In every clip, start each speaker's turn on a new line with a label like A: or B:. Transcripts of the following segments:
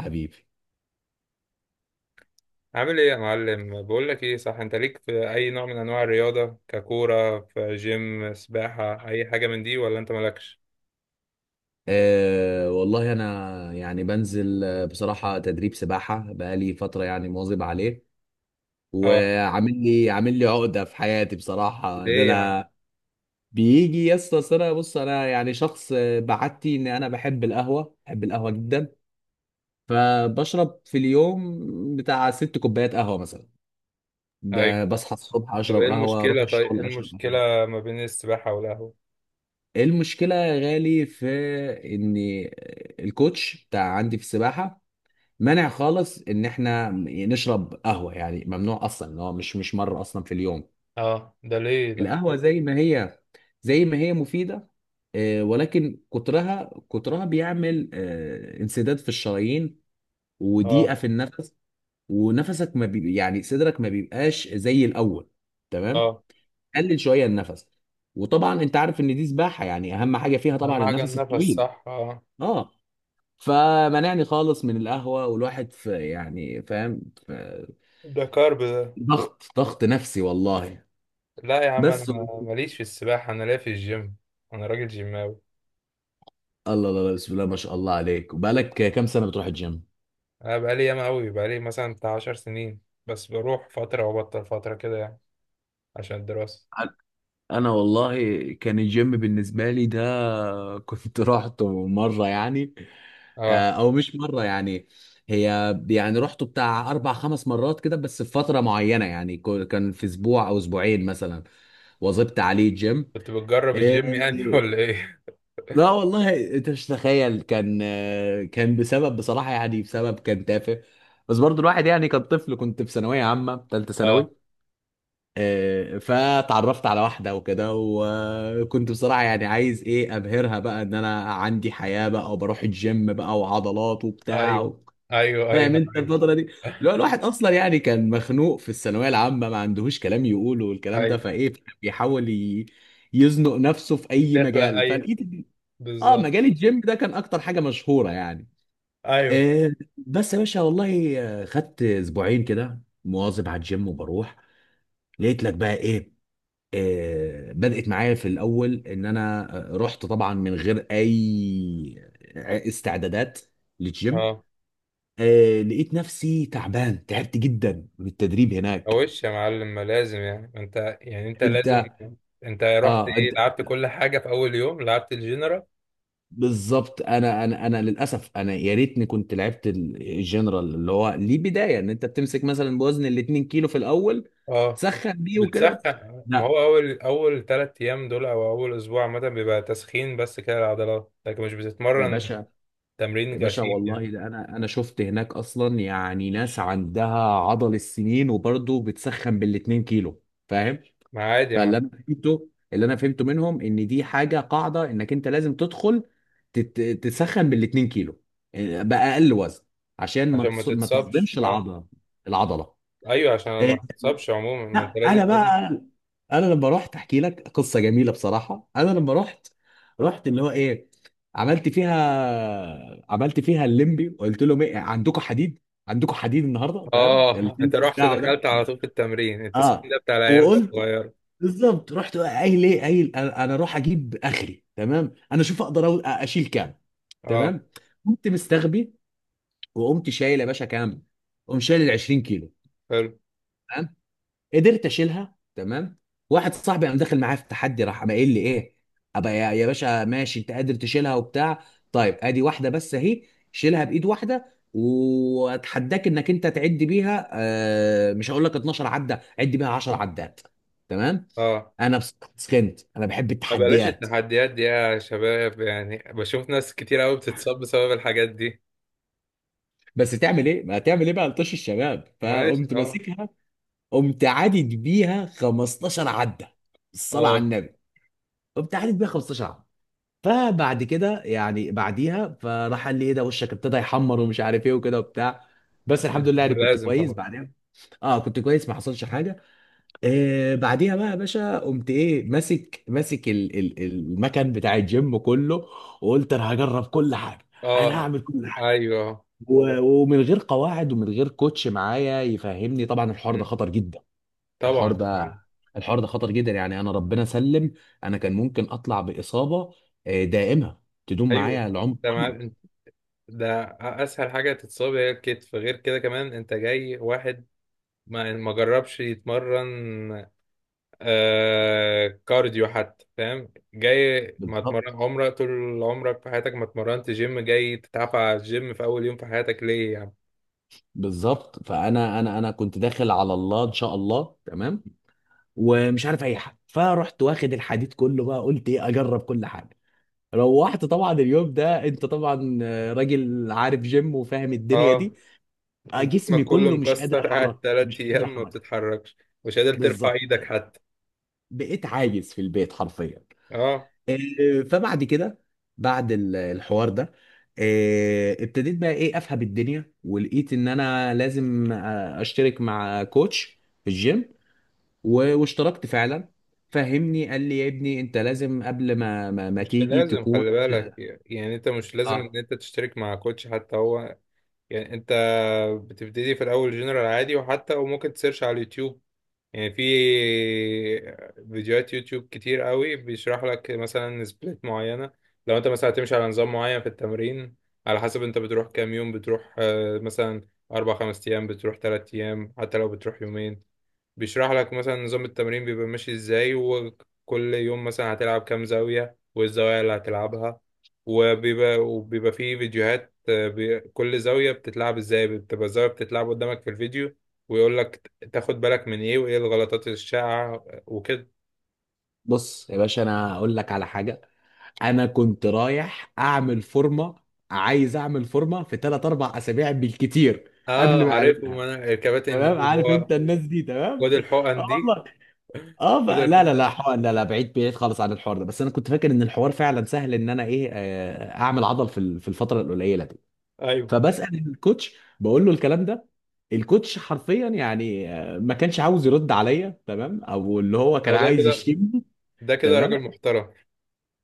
A: حبيبي،
B: عامل ايه يا معلم؟ بقول لك ايه، صح، انت ليك في اي نوع من انواع الرياضه؟ ككوره في جيم سباحه اي حاجه من دي ولا انت مالكش؟
A: أه والله انا يعني بنزل بصراحه تدريب سباحه بقالي فتره يعني مواظب عليه.
B: اه،
A: وعامل لي عقده في حياتي بصراحه ده
B: ليه يا عم؟
A: انا. بيجي يا اسطى، أصل انا بص انا يعني شخص بعادتي ان انا بحب القهوه، بحب القهوه جدا. فبشرب في اليوم بتاع 6 كوبايات قهوه مثلا. ده
B: ايوه.
A: بصحى الصبح
B: طب
A: اشرب
B: ايه
A: قهوه، اروح
B: المشكله طيب ايه
A: الشغل اشرب قهوه.
B: المشكله ما بين السباحه والقهوه؟
A: المشكله يا غالي في ان الكوتش بتاع عندي في السباحه مانع خالص ان احنا نشرب قهوه، يعني ممنوع اصلا ان هو مش مره اصلا في اليوم.
B: اه، ده ليه ده؟
A: القهوه زي ما هي، مفيده، ولكن كترها بيعمل انسداد في الشرايين وضيقه في
B: اه.
A: النفس. ونفسك ما بي يعني صدرك ما بيبقاش زي الاول. تمام.
B: اه،
A: قلل شويه النفس. وطبعا انت عارف ان دي سباحه، يعني اهم حاجه فيها
B: اهم
A: طبعا
B: حاجه
A: النفس
B: النفس،
A: الطويل.
B: صح، اه.
A: اه. فمنعني خالص من القهوه، والواحد في يعني فاهم.
B: ده كارب ده.
A: ضغط نفسي والله.
B: لا يا عم، انا
A: بس الله.
B: ماليش في السباحه، انا ليا في الجيم. انا راجل جيماوي.
A: الله الله بسم الله ما شاء الله عليك، وبقالك كام سنة بتروح الجيم؟
B: انا بقالي ياما قوي، بقالي مثلا بتاع 10 سنين، بس بروح فتره وبطل فتره كده يعني، عشان الدراسه.
A: انا والله كان الجيم بالنسبه لي ده، كنت رحته مره يعني.
B: اه،
A: او مش مره يعني. هي يعني رحته بتاع 4 5 مرات كده، بس في فتره معينه يعني. كان في اسبوع او اسبوعين مثلا واظبت عليه الجيم.
B: كنت بتجرب الجيم
A: آه،
B: يعني ولا ايه؟
A: لا والله انت مش تخيل. كان بسبب بصراحة يعني، بسبب كان تافه. بس برضو الواحد يعني كان طفل، كنت في ثانوية عامة، ثالثة ثانوي.
B: اه،
A: اه، فتعرفت على واحدة وكده، وكنت بصراحة يعني عايز ايه ابهرها بقى، ان انا عندي حياة بقى وبروح الجيم بقى وعضلات وبتاع
B: ايوه، ايوه،
A: فاهم
B: ايوه.
A: انت
B: ايوه،
A: الفترة دي، لو الواحد اصلا يعني كان مخنوق في الثانوية العامة ما عندهوش كلام يقوله والكلام ده
B: ايوه.
A: فايه. بيحاول يزنق نفسه في اي
B: بتخلق،
A: مجال،
B: ايوه،
A: فلقيت اه
B: بالظبط.
A: مجال الجيم ده كان اكتر حاجه مشهوره يعني.
B: ايوه.
A: آه بس يا باشا والله خدت اسبوعين كده مواظب على الجيم وبروح. لقيت لك بقى ايه، بدأت معايا في الاول ان انا رحت طبعا من غير اي استعدادات للجيم.
B: اه،
A: لقيت نفسي تعبان، تعبت جدا من التدريب هناك.
B: وش يا معلم، ما لازم، يعني انت لازم.
A: انت
B: انت رحت،
A: اه
B: ايه،
A: انت
B: لعبت كل حاجه في اول يوم؟ لعبت الجنرال؟
A: بالظبط. انا للاسف، انا يا ريتني كنت لعبت الجنرال اللي هو ليه بدايه ان انت بتمسك مثلا بوزن ال 2 كيلو في الاول،
B: اه،
A: تسخن بيه وكده.
B: بتسخن. ما
A: لا
B: هو اول 3 ايام دول او اول اسبوع عامه بيبقى تسخين بس كده العضلات، لكن مش
A: يا
B: بتتمرن.
A: باشا، يا
B: تمرين
A: باشا
B: غشيم يعني.
A: والله ده انا شفت هناك اصلا يعني ناس عندها عضل السنين، وبرضه بتسخن بال 2 كيلو. فاهم؟
B: ما عادي يا
A: فاللي
B: معلم.
A: انا فهمته، منهم ان دي حاجه قاعده انك انت لازم تدخل تسخن بال 2 كيلو، باقل وزن عشان
B: عشان ما
A: ما
B: تتصابش،
A: تصدمش
B: اه.
A: العضله. العضله
B: ايوه، عشان ما
A: آه،
B: تتصابش عموما، ما انت
A: لا انا
B: لازم.
A: بقى. انا لما رحت احكي لك قصه جميله بصراحه. انا لما رحت اللي هو ايه، عملت فيها الليمبي وقلت لهم ايه عندكم حديد، عندكم حديد النهارده. فاهم
B: اه.
A: الفيلم
B: انت رحت
A: بتاعه ده؟
B: دخلت على طول في التمرين، التسخين
A: اه،
B: ده بتاع العيال
A: وقلت
B: الصغير.
A: بالظبط. رحت قايل ايه، قايل انا أنا اروح اجيب اخري تمام، انا اشوف اقدر اشيل كام.
B: اه.
A: تمام. قمت مستغبي وقمت شايل يا باشا كام. قمت شايل ال 20 كيلو
B: حلو.
A: قدرت اشيلها. تمام. واحد صاحبي قام داخل معايا في التحدي، راح قام قايل لي ايه، ابقى يا باشا ماشي انت قادر تشيلها وبتاع. طيب ادي واحده بس اهي، شيلها بايد واحده واتحداك انك انت تعد بيها. مش هقول لك 12 عده، عد بيها 10 عدات. تمام.
B: اه.
A: انا سخنت، انا بحب
B: ما بلاش
A: التحديات.
B: التحديات دي يا شباب، يعني بشوف ناس كتير قوي بتتصاب بسبب الحاجات دي.
A: بس تعمل ايه ما تعمل ايه بقى، لطش الشباب
B: ماشي،
A: فقمت
B: اه.
A: ماسكها. قمت عادد بيها 15 عده، الصلاه على
B: اه.
A: النبي. قمت عادد بيها 15 عده. فبعد كده يعني، بعديها فراح قال لي ايه ده، وشك ابتدى يحمر ومش عارف ايه وكده وبتاع. بس الحمد لله
B: ما
A: يعني كنت
B: لازم
A: كويس
B: طبعا.
A: بعدين. اه كنت كويس، ما حصلش حاجه. بعديها بقى يا باشا قمت ايه، ماسك المكان بتاع الجيم كله. وقلت انا هجرب كل حاجه، انا
B: اه،
A: هعمل كل حاجه.
B: ايوه،
A: ومن غير قواعد ومن غير كوتش معايا يفهمني. طبعا الحوار
B: م،
A: ده خطر جدا. الحوار
B: طبعا.
A: ده الحوار ده خطر جدا يعني. انا ربنا سلم، انا كان ممكن اطلع باصابه دائمه تدوم
B: ايوه،
A: معايا العمر كله.
B: تمام. ده اسهل حاجه تتصاب هي الكتف. غير كده كمان انت جاي واحد ما جربش يتمرن. كارديو حتى، فاهم. جاي ما
A: بالظبط.
B: اتمرن عمرك، طول عمرك في حياتك ما اتمرنت جيم، جاي تتعافى على الجيم في اول يوم في حياتك، ليه يعني؟
A: بالظبط فانا انا انا كنت داخل على الله ان شاء الله تمام ومش عارف اي حاجه. فرحت واخد الحديد كله بقى قلت ايه، اجرب كل حاجه. روحت طبعا اليوم ده، انت طبعا راجل عارف جيم وفاهم الدنيا دي.
B: اه،
A: جسمي
B: جسمك كله
A: كله مش قادر
B: مكسر.
A: احرك،
B: قاعد تلات
A: مش قادر
B: ايام ما
A: احرك.
B: بتتحركش، مش قادر ترفع
A: بالظبط
B: ايدك
A: يعني،
B: حتى.
A: بقيت عاجز في البيت حرفيا.
B: اه،
A: فبعد كده، بعد الحوار ده ابتديت بقى ايه افهم الدنيا، ولقيت ان انا لازم اشترك مع كوتش في الجيم. واشتركت فعلا. فهمني قال لي يا ابني انت لازم قبل ما ما
B: مش
A: تيجي
B: لازم،
A: تكون.
B: خلي بالك، يعني انت مش لازم
A: اه.
B: ان انت تشترك مع كوتش حتى، هو يعني. انت بتبتدي في الاول جنرال عادي، وحتى وممكن تسيرش على اليوتيوب، يعني في فيديوهات يوتيوب كتير قوي بيشرح لك مثلا سبليت معينة. لو انت مثلا هتمشي على نظام معين في التمرين، على حسب انت بتروح كام يوم، بتروح مثلا 4-5 ايام، بتروح 3 ايام، حتى لو بتروح يومين. بيشرح لك مثلا نظام التمرين بيبقى ماشي ازاي، وكل يوم مثلا هتلعب كام زاوية، والزوايا اللي هتلعبها، وبيبقى فيه فيديوهات، كل زاوية بتتلعب ازاي، بتبقى الزاوية بتتلعب قدامك في الفيديو، ويقول لك تاخد بالك من ايه، وايه الغلطات الشائعة وكده.
A: بص يا باشا، انا هقول لك على حاجه. انا كنت رايح اعمل فورمه، عايز اعمل فورمه في 3 4 اسابيع بالكتير قبل
B: اه،
A: ما
B: عارف. ما
A: اقابلها.
B: انا الكباتن دي
A: تمام.
B: اللي
A: عارف انت
B: هو،
A: الناس دي. تمام.
B: خد الحقن دي،
A: اه. اه
B: خد
A: بقى لا لا لا
B: الحقن.
A: حوار، لا لا بعيد بعيد خالص عن الحوار ده. بس انا كنت فاكر ان الحوار فعلا سهل، ان انا ايه اعمل عضل في في الفتره القليله دي.
B: ايوه.
A: فبسال الكوتش بقول له الكلام ده. الكوتش حرفيا يعني ما كانش عاوز يرد عليا تمام، او اللي هو كان
B: هو ده
A: عايز
B: كده.
A: يشتمني.
B: ده كده
A: تمام.
B: راجل محترم.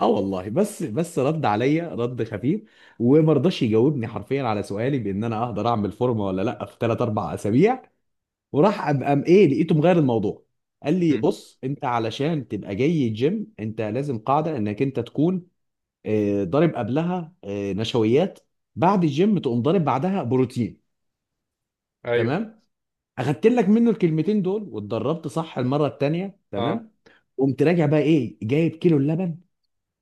A: اه والله، بس رد عليا رد خفيف، وما رضاش يجاوبني حرفيا على سؤالي بان انا اقدر اعمل فورمه ولا لا في 3 4 اسابيع. وراح قام ايه لقيته مغير الموضوع. قال لي
B: مم.
A: بص، انت علشان تبقى جاي الجيم انت لازم قاعده انك انت تكون ضارب قبلها نشويات، بعد الجيم تقوم ضارب بعدها بروتين.
B: ايوه.
A: تمام. اخدت لك منه الكلمتين دول واتدربت صح المره التانيه.
B: اه،
A: تمام. قمت راجع بقى ايه، جايب كيلو اللبن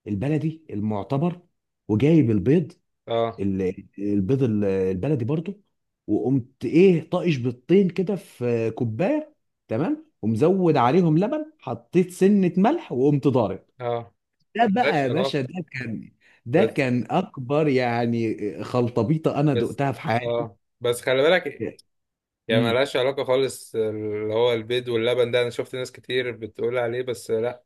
A: البلدي المعتبر وجايب البيض،
B: اه،
A: البيض البلدي برضو. وقمت ايه طاقش بيضتين كده في كوبايه. تمام ومزود عليهم لبن، حطيت سنه ملح وقمت ضارب.
B: اه،
A: ده بقى
B: ملهاش
A: يا باشا
B: علاقة.
A: ده كان، ده
B: بس
A: كان اكبر يعني خلطبيطه انا
B: بس.
A: دقتها في حياتي.
B: اه، بس خلي بالك، يعني
A: امم.
B: ملهاش علاقة خالص، اللي هو البيض واللبن ده انا شفت ناس كتير بتقول عليه، بس لا.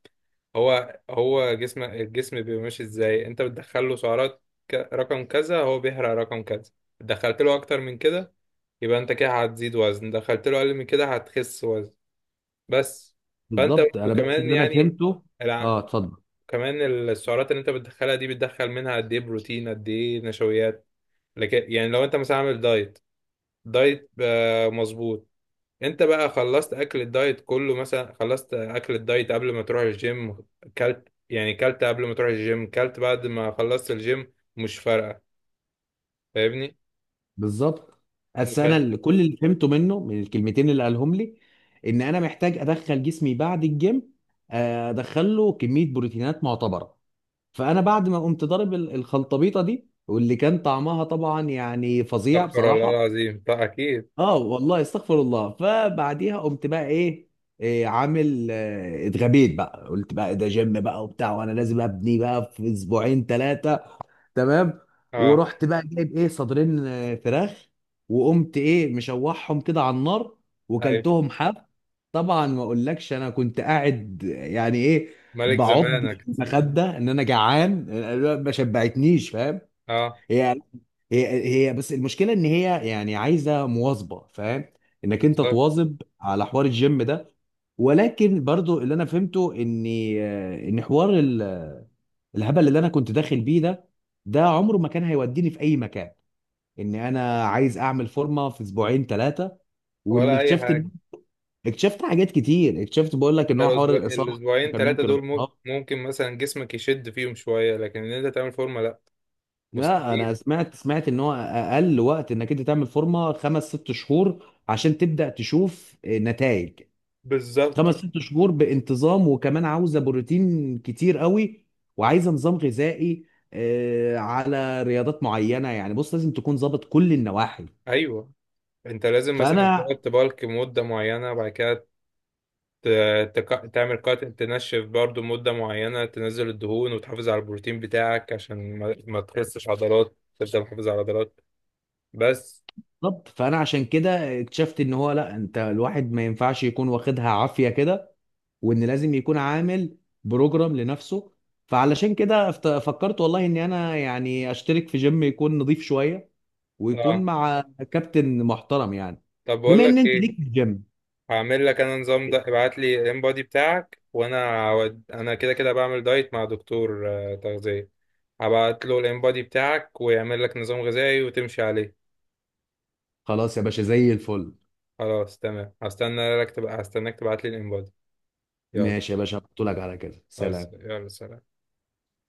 B: هو الجسم بيبقى ماشي ازاي، انت بتدخل له سعرات رقم كذا، هو بيحرق رقم كذا. دخلت له اكتر من كده، يبقى انت كده هتزيد وزن. دخلت له اقل من كده هتخس وزن. بس. فانت
A: بالظبط. انا بس
B: وكمان
A: اللي انا
B: يعني،
A: فهمته.
B: الع...
A: اه اتفضل.
B: كمان السعرات اللي انت بتدخلها دي، بتدخل منها قد ايه بروتين قد ايه نشويات. لكن يعني، لو انت مثلا عامل دايت، دايت مظبوط، انت بقى خلصت اكل الدايت كله، مثلا خلصت اكل الدايت قبل ما تروح الجيم، كلت يعني كلت قبل ما تروح الجيم، كلت بعد ما خلصت الجيم، مش فارقة. فاهمني؟
A: بالظبط. بس
B: مش
A: انا كل اللي فهمته منه من الكلمتين اللي قالهم لي، ان انا محتاج ادخل جسمي بعد الجيم ادخله كميه بروتينات معتبره. فانا بعد ما قمت ضارب الخلطبيطه دي، واللي كان طعمها طبعا يعني فظيع
B: هتأخر والله
A: بصراحه.
B: العظيم، طيب اكيد.
A: اه والله استغفر الله. فبعديها قمت بقى ايه، إيه عامل اتغبيت بقى قلت بقى ده جيم بقى وبتاع، وانا لازم ابني بقى في اسبوعين ثلاثه. تمام.
B: اه.
A: ورحت بقى جايب ايه، صدرين فراخ. وقمت ايه مشوحهم كده على النار
B: ايوه،
A: وكلتهم حاف. طبعا ما اقولكش انا كنت قاعد يعني ايه،
B: ملك
A: بعض في
B: زمانك.
A: المخده ان انا جعان ما شبعتنيش، فاهم؟
B: اه،
A: هي هي بس المشكله ان هي يعني عايزه مواظبه، فاهم؟ انك انت
B: بالظبط.
A: تواظب على حوار الجيم ده. ولكن برضو اللي انا فهمته ان ان حوار الهبل اللي انا كنت داخل بيه ده، ده عمره ما كان هيوديني في اي مكان. ان انا عايز اعمل فورمه في اسبوعين ثلاثه. وان
B: ولا اي
A: اكتشفت
B: حاجة.
A: اكتشفت حاجات كتير. اكتشفت بقول لك ان
B: انت
A: هو حوار
B: الاسبوع
A: الاصابه،
B: الاسبوعين
A: كان
B: ثلاثة
A: ممكن
B: دول
A: اتصاب.
B: ممكن مثلا جسمك يشد فيهم شوية، لكن ان انت تعمل فورمة لا.
A: لا انا
B: مستحيل.
A: سمعت ان هو اقل وقت انك انت تعمل فورمه 5 6 شهور عشان تبدا تشوف نتائج.
B: بالظبط.
A: 5 6 شهور بانتظام، وكمان عاوزه بروتين كتير قوي، وعايزه نظام غذائي على رياضات معينه. يعني بص لازم تكون ظابط كل النواحي.
B: ايوه، انت لازم مثلا
A: فانا
B: تقعد تبالك مدة معينة، بعد كده تعمل كات، تنشف برضو مدة معينة، تنزل الدهون وتحافظ على البروتين بتاعك عشان ما تخسش عضلات، تفضل محافظ على عضلات. بس.
A: بالظبط فانا عشان كده اكتشفت ان هو لا، انت الواحد ما ينفعش يكون واخدها عافيه كده. وان لازم يكون عامل بروجرام لنفسه. فعلشان كده فكرت والله اني انا يعني اشترك في جيم يكون نظيف شويه ويكون
B: اه،
A: مع كابتن محترم يعني.
B: طب بقول
A: بما ان
B: لك
A: انت
B: ايه،
A: ليك في الجيم.
B: هعمل لك انا نظام. ده ابعت لي الام بودي بتاعك، وانا انا كده كده بعمل دايت مع دكتور تغذية. هبعت له الام بودي بتاعك ويعمل لك نظام غذائي وتمشي عليه.
A: خلاص يا باشا زي الفل.
B: خلاص تمام، هستنى لك تبقى، هستناك تبعت لي الام بودي. يلا.
A: ماشي يا باشا هبعتهولك، على كده
B: خلاص،
A: سلام.
B: يلا، سلام.